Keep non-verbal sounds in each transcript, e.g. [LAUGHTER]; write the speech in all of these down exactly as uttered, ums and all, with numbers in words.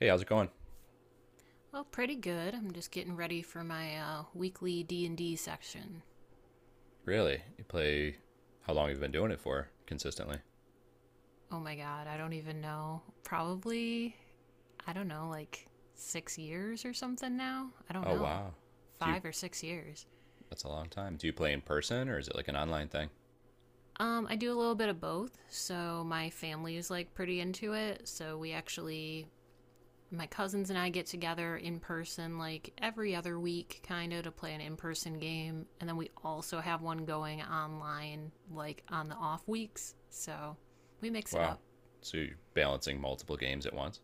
Hey, how's it going? Well, pretty good. I'm just getting ready for my uh, weekly D and D section. Really? You play How long you've been doing it for consistently? Oh my god, I don't even know. Probably, I don't know, like six years or something now. I don't Oh, know, wow. Do you five or six years. That's a long time. Do you play in person or is it like an online thing? Um, I do a little bit of both. So my family is like pretty into it. So we actually my cousins and I get together in person like every other week, kind of, to play an in person game. And then we also have one going online, like on the off weeks. So we mix it Wow. up. So you're balancing multiple games at once?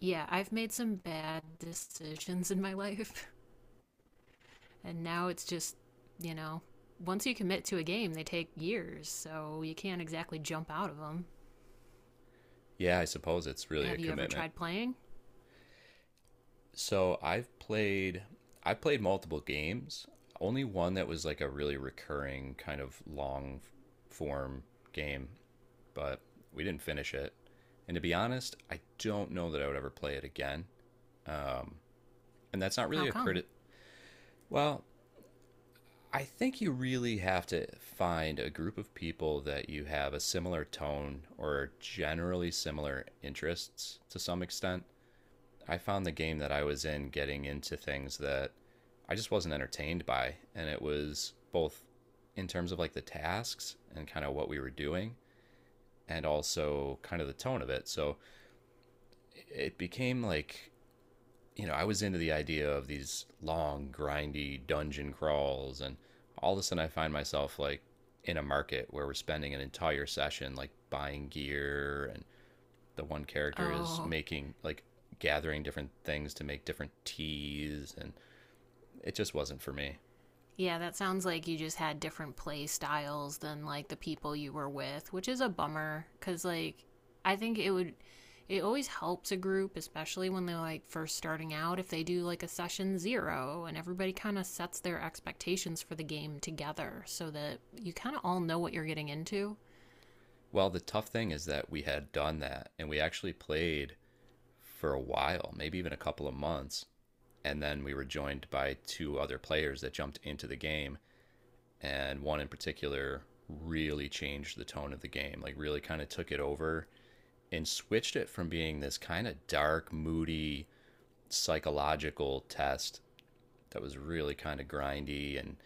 Yeah, I've made some bad decisions in my [LAUGHS] life. And now it's just, you know, once you commit to a game, they take years. So you can't exactly jump out of them. Yeah, I suppose it's really a Have you ever commitment. tried playing? So I've played I've played multiple games. Only one that was like a really recurring kind of long form game, but we didn't finish it. And to be honest, I don't know that I would ever play it again. Um, And that's not How really a come? credit. Well, I think you really have to find a group of people that you have a similar tone or generally similar interests to some extent. I found the game that I was in getting into things that I just wasn't entertained by. And it was both in terms of like the tasks and kind of what we were doing and also kind of the tone of it. So it became like, you know, I was into the idea of these long, grindy dungeon crawls, and all of a sudden I find myself like in a market where we're spending an entire session like buying gear, and the one character is Oh. making like gathering different things to make different teas, and it just wasn't for me. Yeah, that sounds like you just had different play styles than like the people you were with, which is a bummer cuz like I think it would it always helps a group, especially when they're like first starting out, if they do like a session zero and everybody kind of sets their expectations for the game together so that you kind of all know what you're getting into. Well, the tough thing is that we had done that, and we actually played for a while, maybe even a couple of months, and then we were joined by two other players that jumped into the game, and one in particular really changed the tone of the game. Like really kind of took it over and switched it from being this kind of dark, moody, psychological test that was really kind of grindy and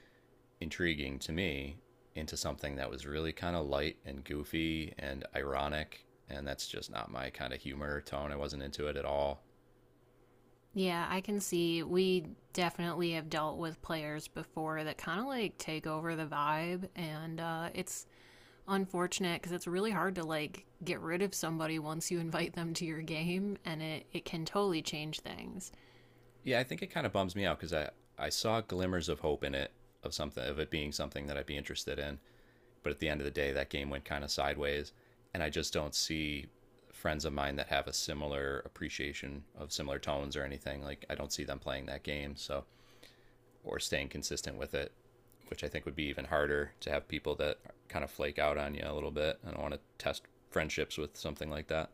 intriguing to me into something that was really kind of light and goofy and ironic. And that's just not my kind of humor or tone. I wasn't into it at all. Yeah, I can see we definitely have dealt with players before that kind of like take over the vibe and uh it's unfortunate because it's really hard to like get rid of somebody once you [LAUGHS] invite them to your game and it, it can totally change things. Yeah, I think it kind of bums me out because I, I saw glimmers of hope in it, of something, of it being something that I'd be interested in. But at the end of the day, that game went kind of sideways. And I just don't see friends of mine that have a similar appreciation of similar tones or anything. Like, I don't see them playing that game. So, or staying consistent with it, which I think would be even harder to have people that kind of flake out on you a little bit. I don't want to test friendships with something like that.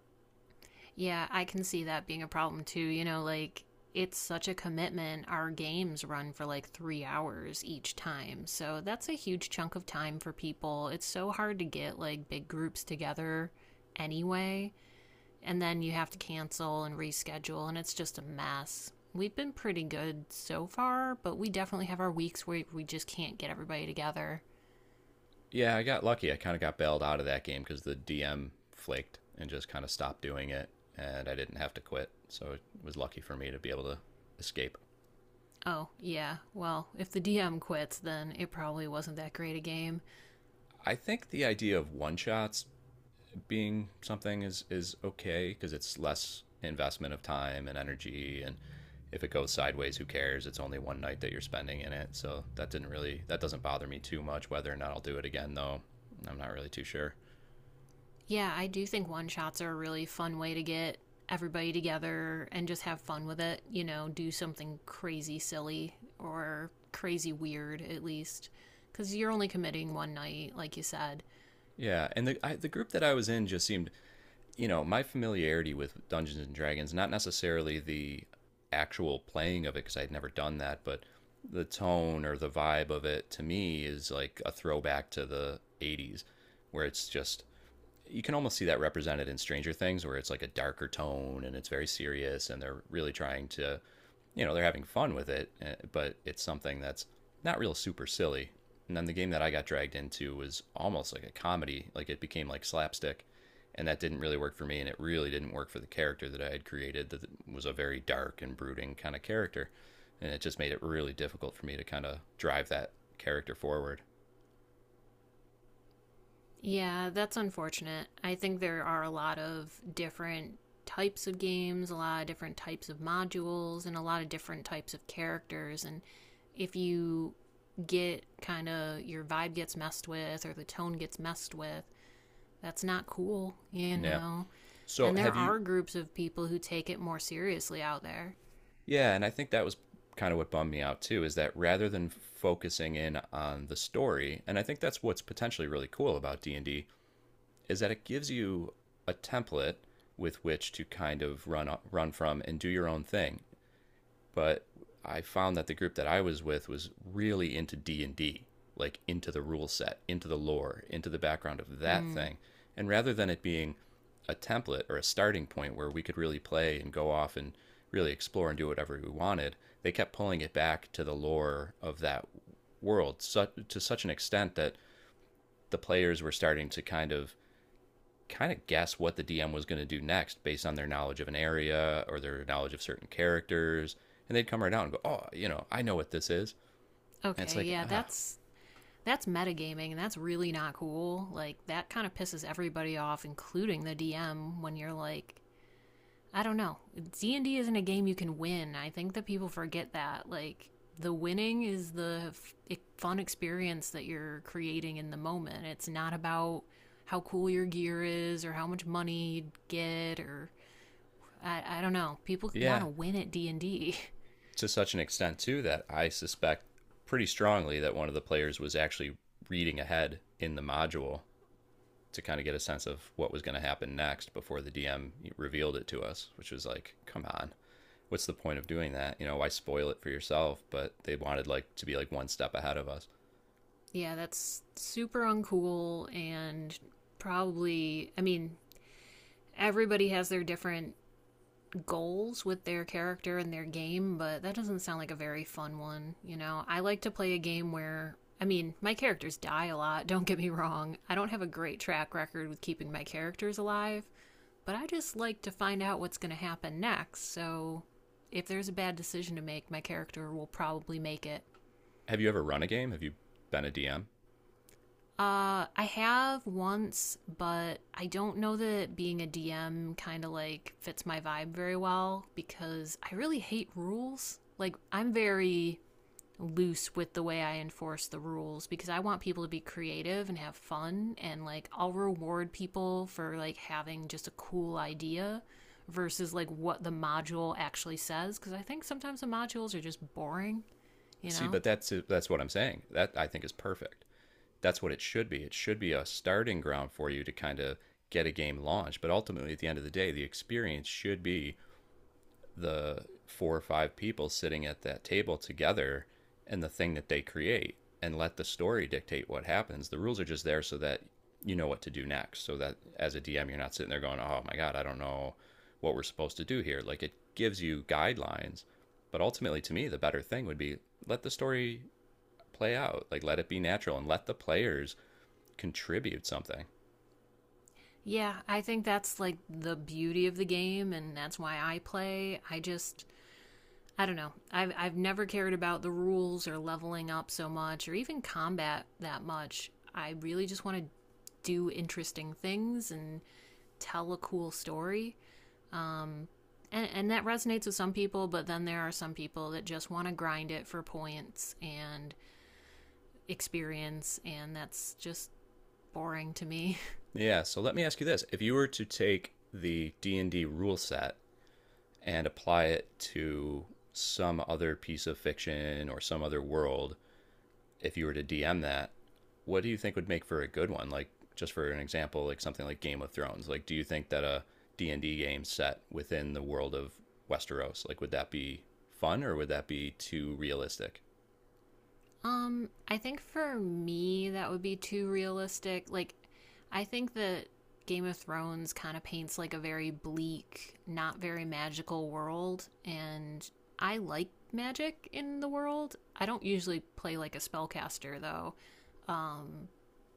Yeah, I can see that being a problem too. You know, like it's such a commitment. Our games run for like three hours each time. So that's a huge chunk of time for people. It's so hard to get like big groups together anyway. And then you have to cancel and reschedule, and it's just a mess. We've been pretty good so far, but we definitely have our weeks where we just can't get everybody together. Yeah, I got lucky. I kind of got bailed out of that game because the D M flaked and just kind of stopped doing it, and I didn't have to quit. So it was lucky for me to be able to escape. Oh, yeah. Well, if the D M quits, then it probably wasn't that great a game. I think the idea of one shots being something is is okay because it's less investment of time and energy, and if it goes sideways, who cares? It's only one night that you're spending in it. So that didn't really, that doesn't bother me too much. Whether or not I'll do it again though, I'm not really too sure. Yeah, I do think one shots are a really fun way to get everybody together and just have fun with it. You know, do something crazy silly or crazy weird, at least. Because you're only committing one night, like you said. Yeah, and the I, the group that I was in just seemed, you know, my familiarity with Dungeons and Dragons, not necessarily the actual playing of it because I'd never done that, but the tone or the vibe of it to me is like a throwback to the eighties, where it's just, you can almost see that represented in Stranger Things, where it's like a darker tone and it's very serious and they're really trying to, you know they're having fun with it, eh, but it's something that's not real super silly. And then the game that I got dragged into was almost like a comedy, like it became like slapstick, and that didn't really work for me, and it really didn't work for the character that I had created. That was a very dark and brooding kind of character, and it just made it really difficult for me to kind of drive that character forward. Yeah, that's unfortunate. I think there are a lot of different types of games, a lot of different types of modules, and a lot of different types of characters. And if you get kind of your vibe gets messed with or the tone gets messed with, that's not cool, you Yeah. know? So And there have you? are groups of people who take it more seriously out there. Yeah, and I think that was kind of what bummed me out too, is that rather than focusing in on the story, and I think that's what's potentially really cool about D and D is that it gives you a template with which to kind of run run from and do your own thing. But I found that the group that I was with was really into D and D, like into the rule set, into the lore, into the background of that Mm. thing. And rather than it being a template or a starting point where we could really play and go off and really explore and do whatever we wanted, they kept pulling it back to the lore of that world, so, to such an extent that the players were starting to kind of kind of guess what the D M was going to do next based on their knowledge of an area or their knowledge of certain characters. And they'd come right out and go, oh, you know, I know what this is. And it's Okay, like, yeah, ah, that's that's metagaming and that's really not cool. Like that kind of pisses everybody off, including the D M, when you're like, I don't know. D and D isn't a game you can win. I think that people forget that. Like the winning is the f- e, fun experience that you're creating in the moment. It's not about how cool your gear is or how much money you get or I, I don't know. People want yeah. to win at D and D. [LAUGHS] To such an extent, too, that I suspect pretty strongly that one of the players was actually reading ahead in the module to kind of get a sense of what was going to happen next before the D M revealed it to us, which was like, come on, what's the point of doing that? You know, why spoil it for yourself? But they wanted like to be like one step ahead of us. Yeah, that's super uncool and probably. I mean, everybody has their different goals with their character and their game, but that doesn't sound like a very fun one. You know, I like to play a game where, I mean, my characters die a lot, [LAUGHS] don't get me wrong. I don't have a great track record with keeping my characters alive, but I just like to find out what's going to happen next. So if there's a bad decision to make, my character will probably make it. Have you ever run a game? Have you been a D M? Uh, I have once, but I don't know that being a D M kind of like fits my vibe very well because I really hate rules. Like, I'm very loose with the way I enforce the rules because I want people to be creative and have fun and like I'll reward people for like having just a cool idea versus like what the module actually says because I think sometimes the modules are just boring, you See, know? but that's that's what I'm saying. That I think is perfect. That's what it should be. It should be a starting ground for you to kind of get a game launched, but ultimately at the end of the day, the experience should be the four or five people sitting at that table together and the thing that they create, and let the story dictate what happens. The rules are just there so that you know what to do next. So that as a D M, you're not sitting there going, oh my God, I don't know what we're supposed to do here. Like it gives you guidelines. But ultimately, to me, the better thing would be, let the story play out, like let it be natural and let the players contribute something. Yeah, I think that's like the beauty of the game, and that's why I play. I just, I don't know. I've, I've never cared about the rules or leveling up so much or even combat that much. I really just want to do interesting things and tell a cool story. And, and that resonates with some people, but then there are some people that just want to grind it for points and experience, and that's just boring to me. Yeah, so let me ask you this. If you were to take the D and D rule set and apply it to some other piece of fiction or some other world, if you were to D M that, what do you think would make for a good one? Like just for an example, like something like Game of Thrones. Like do you think that a D and D game set within the world of Westeros, like would that be fun or would that be too realistic? Um, I think for me that would be too realistic. Like I think that Game of Thrones kind of paints like a very bleak, not very magical world and I like magic in the world. I don't usually play like a spellcaster though. Um,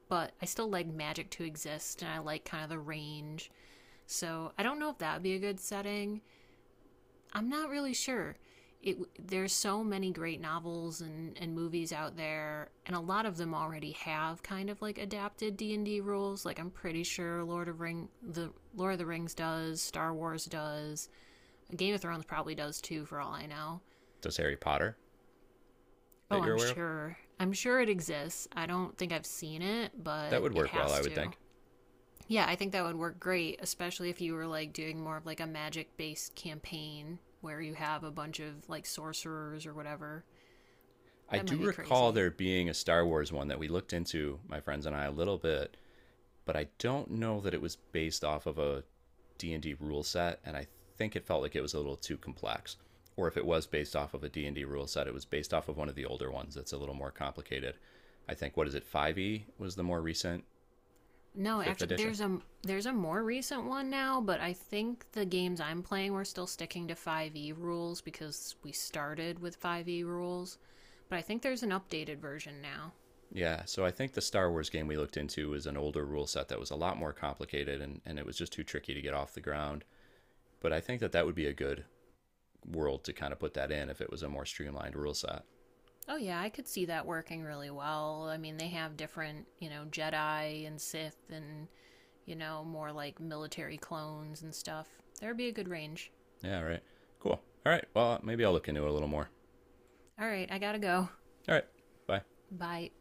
but I still like magic to exist and I like kind of the range. So I don't know if that would be a good setting. I'm not really sure. It, there's so many great novels and, and movies out there, and a lot of them already have kind of like adapted D and D rules. Like I'm pretty sure Lord of Ring, the Lord of the Rings does, Star Wars does, Game of Thrones probably does too, for all I know. Does Harry Potter that Oh, you're I'm aware of? sure. I'm sure it exists. I don't think I've seen it, That but would it work well, has I would to. think. Yeah, I think that would work great, especially if you were like doing more of like a magic based campaign where you have a bunch of like sorcerers or whatever. I That might do be recall crazy. there being a Star Wars one that we looked into, my friends and I, a little bit, but I don't know that it was based off of a D and d rule set, and I think it felt like it was a little too complex, or if it was based off of a D and d rule set, it was based off of one of the older ones that's a little more complicated. I think what is it, five e was the more recent, No, 5th actually, edition. there's a there's a more recent one now, but I think the games I'm playing we're still sticking to five e rules because we started with five e rules. But I think there's an updated version now. Yeah, so I think the Star Wars game we looked into was an older rule set that was a lot more complicated, and, and it was just too tricky to get off the ground. But I think that that would be a good world to kind of put that in if it was a more streamlined rule set. Oh yeah, I could see that working really well. I mean, they have different, you know, Jedi and Sith and you know, more like military clones and stuff. There'd be a good range. Yeah, right. Cool. All right. Well, maybe I'll look into it a little more. All right, I gotta go. All right. Bye. Bye.